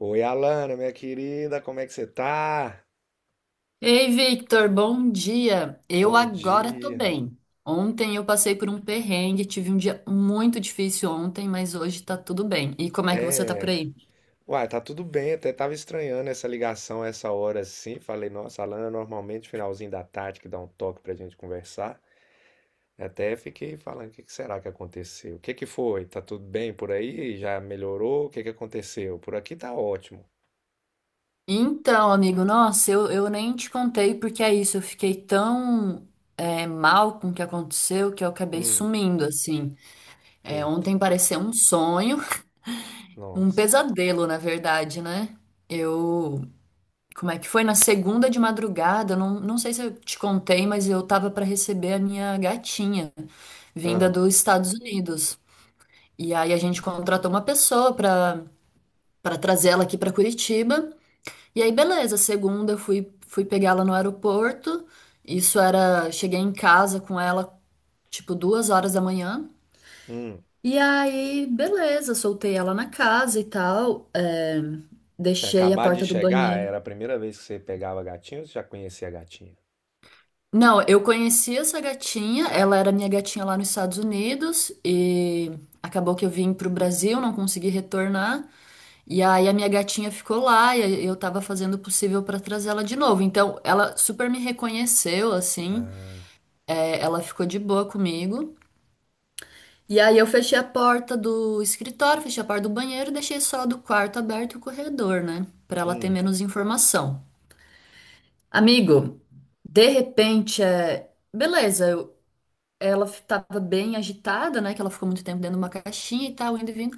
Oi, Alana, minha querida, como é que você tá? Ei, Victor, bom dia. Eu Bom agora tô dia. bem. Ontem eu passei por um perrengue, tive um dia muito difícil ontem, mas hoje tá tudo bem. E como é que você tá por É, aí? uai, tá tudo bem, até tava estranhando essa ligação essa hora assim. Falei, nossa, Alana, normalmente finalzinho da tarde que dá um toque pra gente conversar. Até fiquei falando, o que que será que aconteceu? O que que foi? Tá tudo bem por aí? Já melhorou? O que que aconteceu? Por aqui tá ótimo. Então, amigo, nossa, eu nem te contei porque é isso. Eu fiquei tão mal com o que aconteceu que eu acabei Hum, sumindo, assim. É, eita, ontem pareceu um sonho, um nossa. pesadelo, na verdade, né? Eu Como é que foi? Na segunda de madrugada, não sei se eu te contei, mas eu tava para receber a minha gatinha, vinda Ah, dos Estados Unidos. E aí a gente contratou uma pessoa para trazer ela aqui para Curitiba. E aí, beleza, segunda eu fui, pegá-la no aeroporto. Cheguei em casa com ela tipo 2 horas da manhã. hum. E aí, beleza, soltei ela na casa e tal. Tinha Deixei a acabado de porta do chegar, banheiro. era a primeira vez que você pegava a gatinha ou você já conhecia a gatinha? Não, eu conheci essa gatinha, ela era minha gatinha lá nos Estados Unidos e acabou que eu vim pro Brasil, não consegui retornar. E aí a minha gatinha ficou lá e eu tava fazendo o possível pra trazer ela de novo. Então, ela super me reconheceu assim, ela ficou de boa comigo. E aí eu fechei a porta do escritório, fechei a porta do banheiro, e deixei só a do quarto aberto e o corredor, né, pra ela ter Hum, menos informação. Amigo, de repente, beleza, eu ela estava bem agitada, né? Que ela ficou muito tempo dentro de uma caixinha e tal, indo e vindo.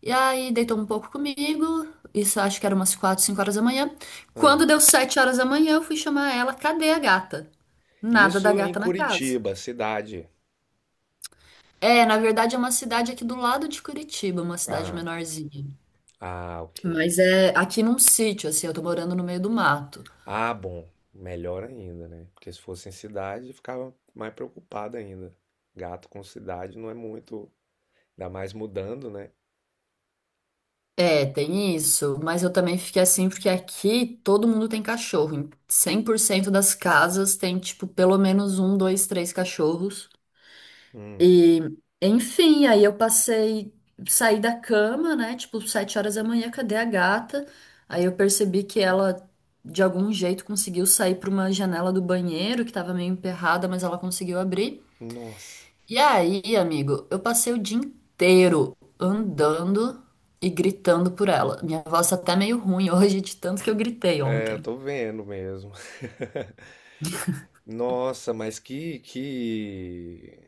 E aí deitou um pouco comigo. Isso acho que era umas 4, 5 horas da manhã. hã. Quando deu 7 horas da manhã, eu fui chamar ela. Cadê a gata? Nada da Isso em gata na casa. Curitiba, cidade. É, na verdade é uma cidade aqui do lado de Curitiba, uma cidade Ah, menorzinha. ah, ok. Mas é aqui num sítio, assim, eu tô morando no meio do mato. Ah, bom, melhor ainda, né? Porque se fosse em cidade, ficava mais preocupado ainda. Gato com cidade não é muito, ainda mais mudando, né? É, tem isso, mas eu também fiquei assim porque aqui todo mundo tem cachorro. Em 100% das casas tem, tipo, pelo menos um, dois, três cachorros. Hum, E, enfim, aí eu passei, saí da cama, né? Tipo, 7 horas da manhã, cadê a gata? Aí eu percebi que ela, de algum jeito, conseguiu sair para uma janela do banheiro que tava meio emperrada, mas ela conseguiu abrir. nossa. E aí, amigo, eu passei o dia inteiro andando e gritando por ela. Minha voz tá até meio ruim hoje de tanto que eu gritei É, ontem. tô vendo mesmo. Nossa, mas que, que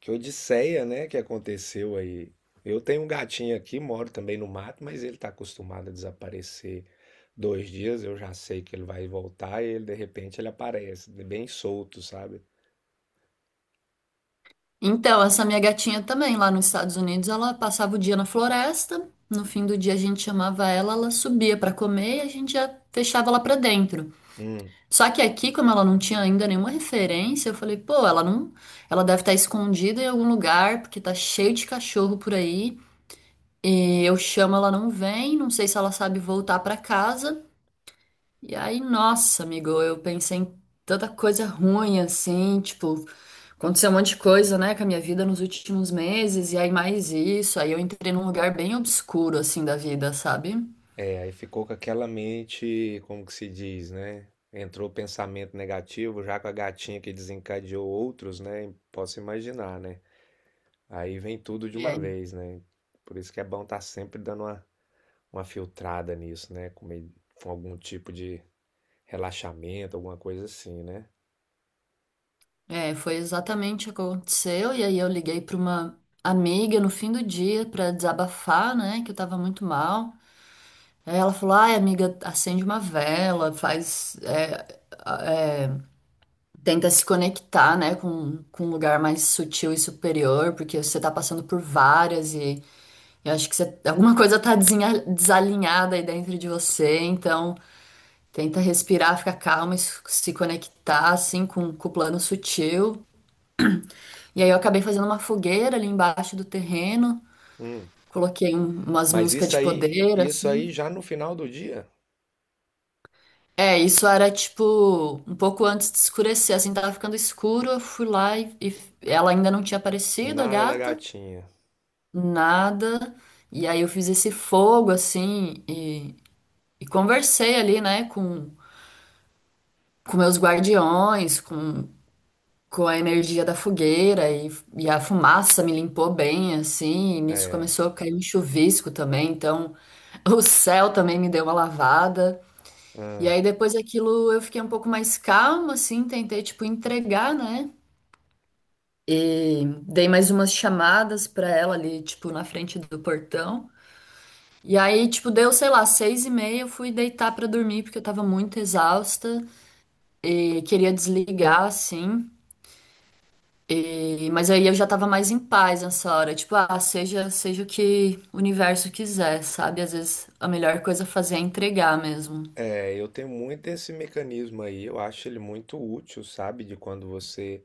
Que odisseia, né, que aconteceu aí. Eu tenho um gatinho aqui, moro também no mato, mas ele está acostumado a desaparecer 2 dias. Eu já sei que ele vai voltar e ele, de repente ele aparece, bem solto, sabe? Então, essa minha gatinha também, lá nos Estados Unidos, ela passava o dia na floresta. No fim do dia a gente chamava ela, ela subia pra comer e a gente já fechava ela pra dentro. Hum, Só que aqui, como ela não tinha ainda nenhuma referência, eu falei, pô, ela não, ela deve estar escondida em algum lugar, porque tá cheio de cachorro por aí. E eu chamo, ela não vem, não sei se ela sabe voltar pra casa. E aí, nossa, amigo, eu pensei em tanta coisa ruim assim, tipo, aconteceu um monte de coisa, né, com a minha vida nos últimos meses, e aí mais isso, aí eu entrei num lugar bem obscuro assim da vida, sabe? é, aí ficou com aquela mente, como que se diz, né? Entrou pensamento negativo, já com a gatinha que desencadeou outros, né? Posso imaginar, né? Aí vem tudo de uma E vez, né? Por isso que é bom estar sempre dando uma filtrada nisso, né? Com algum tipo de relaxamento, alguma coisa assim, né? Foi exatamente o que aconteceu, e aí eu liguei pra uma amiga no fim do dia pra desabafar, né, que eu tava muito mal. Aí ela falou, ai, amiga, acende uma vela, faz, tenta se conectar, né, com um lugar mais sutil e superior, porque você tá passando por várias e eu acho que alguma coisa tá desalinhada aí dentro de você, então tenta respirar, ficar calma, e se conectar, assim, com o plano sutil. E aí eu acabei fazendo uma fogueira ali embaixo do terreno, Hum. coloquei umas Mas músicas de poder, isso assim. aí já no final do dia, É, isso era tipo um pouco antes de escurecer, assim, tava ficando escuro, eu fui lá e ela ainda não tinha aparecido, a nada da gata. gatinha. Nada. E aí eu fiz esse fogo assim e conversei ali, né, com meus guardiões, com a energia da fogueira e a fumaça me limpou bem assim. E nisso É. começou a cair um chuvisco também, então o céu também me deu uma lavada. E Ah. aí depois daquilo eu fiquei um pouco mais calma, assim, tentei, tipo, entregar, né? Dei mais umas chamadas pra ela ali, tipo, na frente do portão. E aí, tipo, deu, sei lá, 6h30, eu fui deitar pra dormir, porque eu tava muito exausta e queria desligar, assim. Mas aí eu já tava mais em paz nessa hora. Tipo, ah, seja o que o universo quiser, sabe? Às vezes a melhor coisa a fazer é entregar mesmo. É, eu tenho muito esse mecanismo aí, eu acho ele muito útil, sabe? De quando você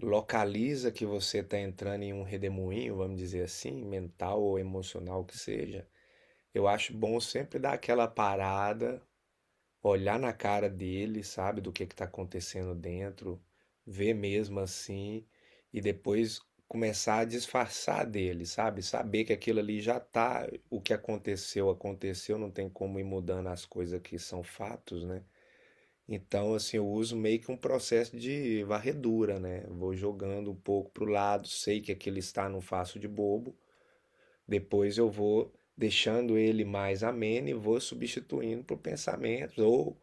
localiza que você está entrando em um redemoinho, vamos dizer assim, mental ou emocional que seja. Eu acho bom sempre dar aquela parada, olhar na cara dele, sabe, do que tá acontecendo dentro, ver mesmo assim, e depois começar a disfarçar dele, sabe? Saber que aquilo ali já tá, o que aconteceu, aconteceu, não tem como ir mudando as coisas que são fatos, né? Então, assim, eu uso meio que um processo de varredura, né? Vou jogando um pouco pro lado, sei que aquele está, não faço de bobo. Depois eu vou deixando ele mais ameno e vou substituindo por pensamentos ou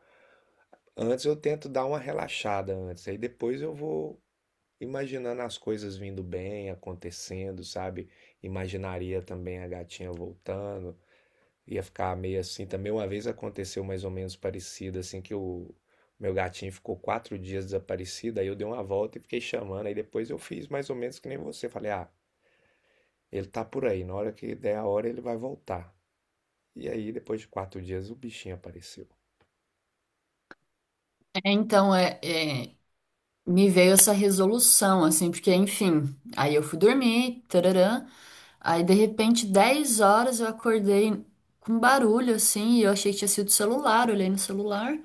antes eu tento dar uma relaxada antes, aí depois eu vou imaginando as coisas vindo bem, acontecendo, sabe? Imaginaria também a gatinha voltando, ia ficar meio assim. Também uma vez aconteceu mais ou menos parecido, assim, que o meu gatinho ficou 4 dias desaparecido, aí eu dei uma volta e fiquei chamando, aí depois eu fiz mais ou menos que nem você. Falei, ah, ele tá por aí, na hora que der a hora ele vai voltar. E aí, depois de 4 dias, o bichinho apareceu. É, então, me veio essa resolução, assim, porque, enfim, aí eu fui dormir, tararã, aí de repente, 10 horas eu acordei com barulho, assim, e eu achei que tinha sido o celular, olhei no celular.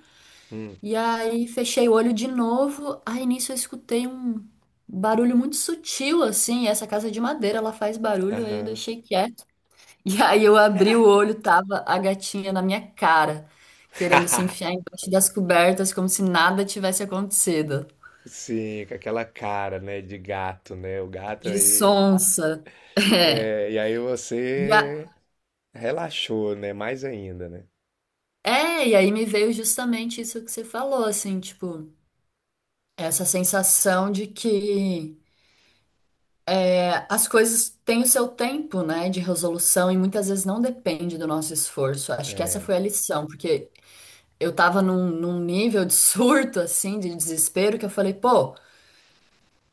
Hum, E aí fechei o olho de novo. Aí nisso eu escutei um barulho muito sutil, assim. Essa casa é de madeira, ela faz barulho, aí eu aham. deixei quieto. E aí eu abri o olho, tava a gatinha na minha cara, querendo se enfiar embaixo das cobertas, como se nada tivesse acontecido. Sim, com aquela cara, né, de gato, né? O gato De aí. sonsa. É. É, e aí E a- você relaxou, né? Mais ainda, né? É, e aí me veio justamente isso que você falou, assim, tipo, essa sensação de que as coisas têm o seu tempo, né, de resolução e muitas vezes não depende do nosso esforço. Acho que essa É. foi a lição, porque eu tava num, nível de surto, assim, de desespero, que eu falei, pô,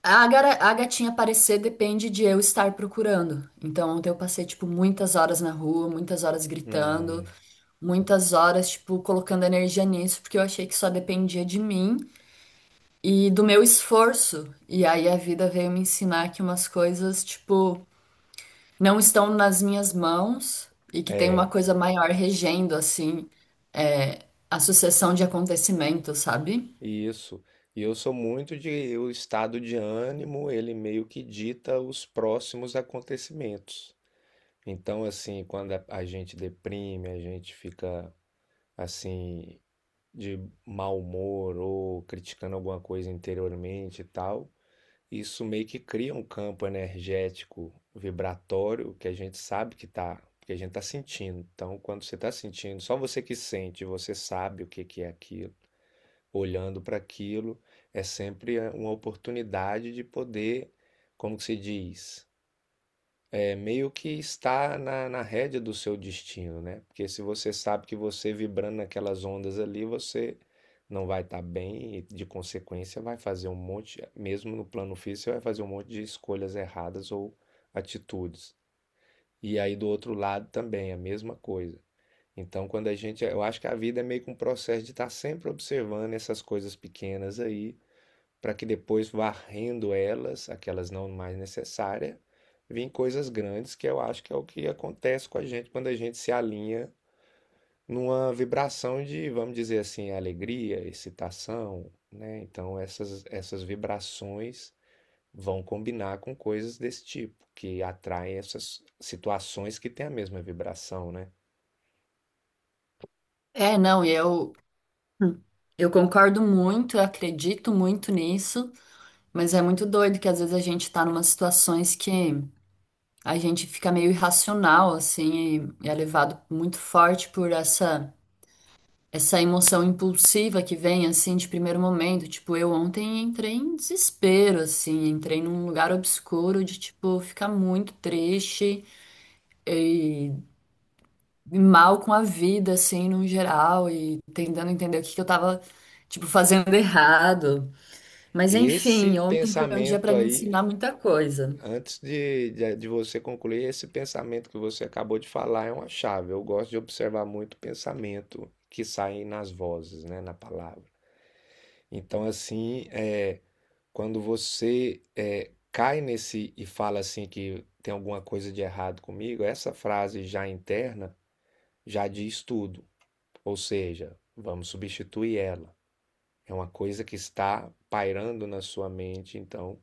a gatinha aparecer depende de eu estar procurando. Então, ontem eu passei, tipo, muitas horas na rua, muitas horas gritando, Hum, muitas horas, tipo, colocando energia nisso, porque eu achei que só dependia de mim e do meu esforço. E aí a vida veio me ensinar que umas coisas, tipo, não estão nas minhas mãos e que tem uma é, coisa maior regendo, assim, a sucessão de acontecimentos, sabe? isso. E eu sou muito de. O estado de ânimo, ele meio que dita os próximos acontecimentos. Então, assim, quando a gente deprime, a gente fica, assim, de mau humor ou criticando alguma coisa interiormente e tal. Isso meio que cria um campo energético vibratório que a gente sabe que tá, que a gente tá sentindo. Então, quando você tá sentindo, só você que sente, você sabe o que que é aquilo. Olhando para aquilo, é sempre uma oportunidade de poder, como que se diz? É meio que está na, rédea do seu destino, né? Porque se você sabe que você vibrando naquelas ondas ali, você não vai estar bem e, de consequência, vai fazer um monte, mesmo no plano físico, você vai fazer um monte de escolhas erradas ou atitudes. E aí do outro lado também, a mesma coisa. Então, quando a gente, eu acho que a vida é meio que um processo de estar sempre observando essas coisas pequenas aí para que depois, varrendo elas, aquelas não mais necessárias, vêm coisas grandes, que eu acho que é o que acontece com a gente quando a gente se alinha numa vibração de, vamos dizer assim, alegria, excitação, né? Então essas vibrações vão combinar com coisas desse tipo, que atraem essas situações que têm a mesma vibração, né? É, não, e eu concordo muito, eu acredito muito nisso, mas é muito doido que às vezes a gente tá numas situações que a gente fica meio irracional, assim, e é levado muito forte por essa emoção impulsiva que vem assim de primeiro momento. Tipo, eu ontem entrei em desespero, assim, entrei num lugar obscuro de tipo ficar muito triste e e mal com a vida, assim, no geral, e tentando entender o que que eu tava. Tipo, fazendo errado. Mas Esse enfim, ontem foi um dia pra pensamento me aí, ensinar muita coisa. antes de você concluir, esse pensamento que você acabou de falar é uma chave. Eu gosto de observar muito o pensamento que sai nas vozes, né, na palavra. Então, assim, é, quando você é, cai nesse e fala assim que tem alguma coisa de errado comigo, essa frase já interna já diz tudo. Ou seja, vamos substituir ela. É uma coisa que está pairando na sua mente, então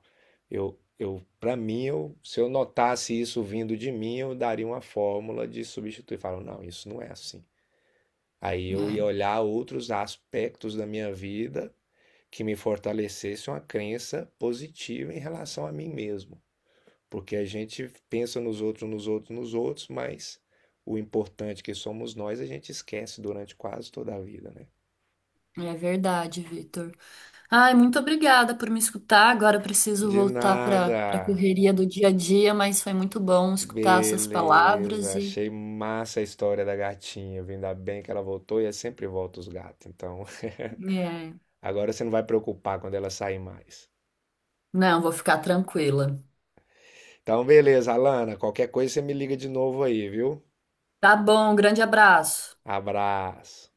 eu para mim, eu, se eu notasse isso vindo de mim, eu daria uma fórmula de substituir, falo, não, isso não é assim. Aí eu ia olhar outros aspectos da minha vida que me fortalecesse uma crença positiva em relação a mim mesmo, porque a gente pensa nos outros, nos outros, nos outros, mas o importante que somos nós, a gente esquece durante quase toda a vida, né? É, é verdade, Vitor. Ai, muito obrigada por me escutar. Agora eu preciso De voltar para nada. a correria do dia a dia, mas foi muito bom escutar essas Beleza, palavras e achei massa a história da gatinha. Viu? Ainda bem que ela voltou e é sempre volta os gatos. Então, é, agora você não vai preocupar quando ela sair mais. não, vou ficar tranquila. Então, beleza, Alana. Qualquer coisa você me liga de novo aí, viu? Tá bom, um grande abraço. Abraço.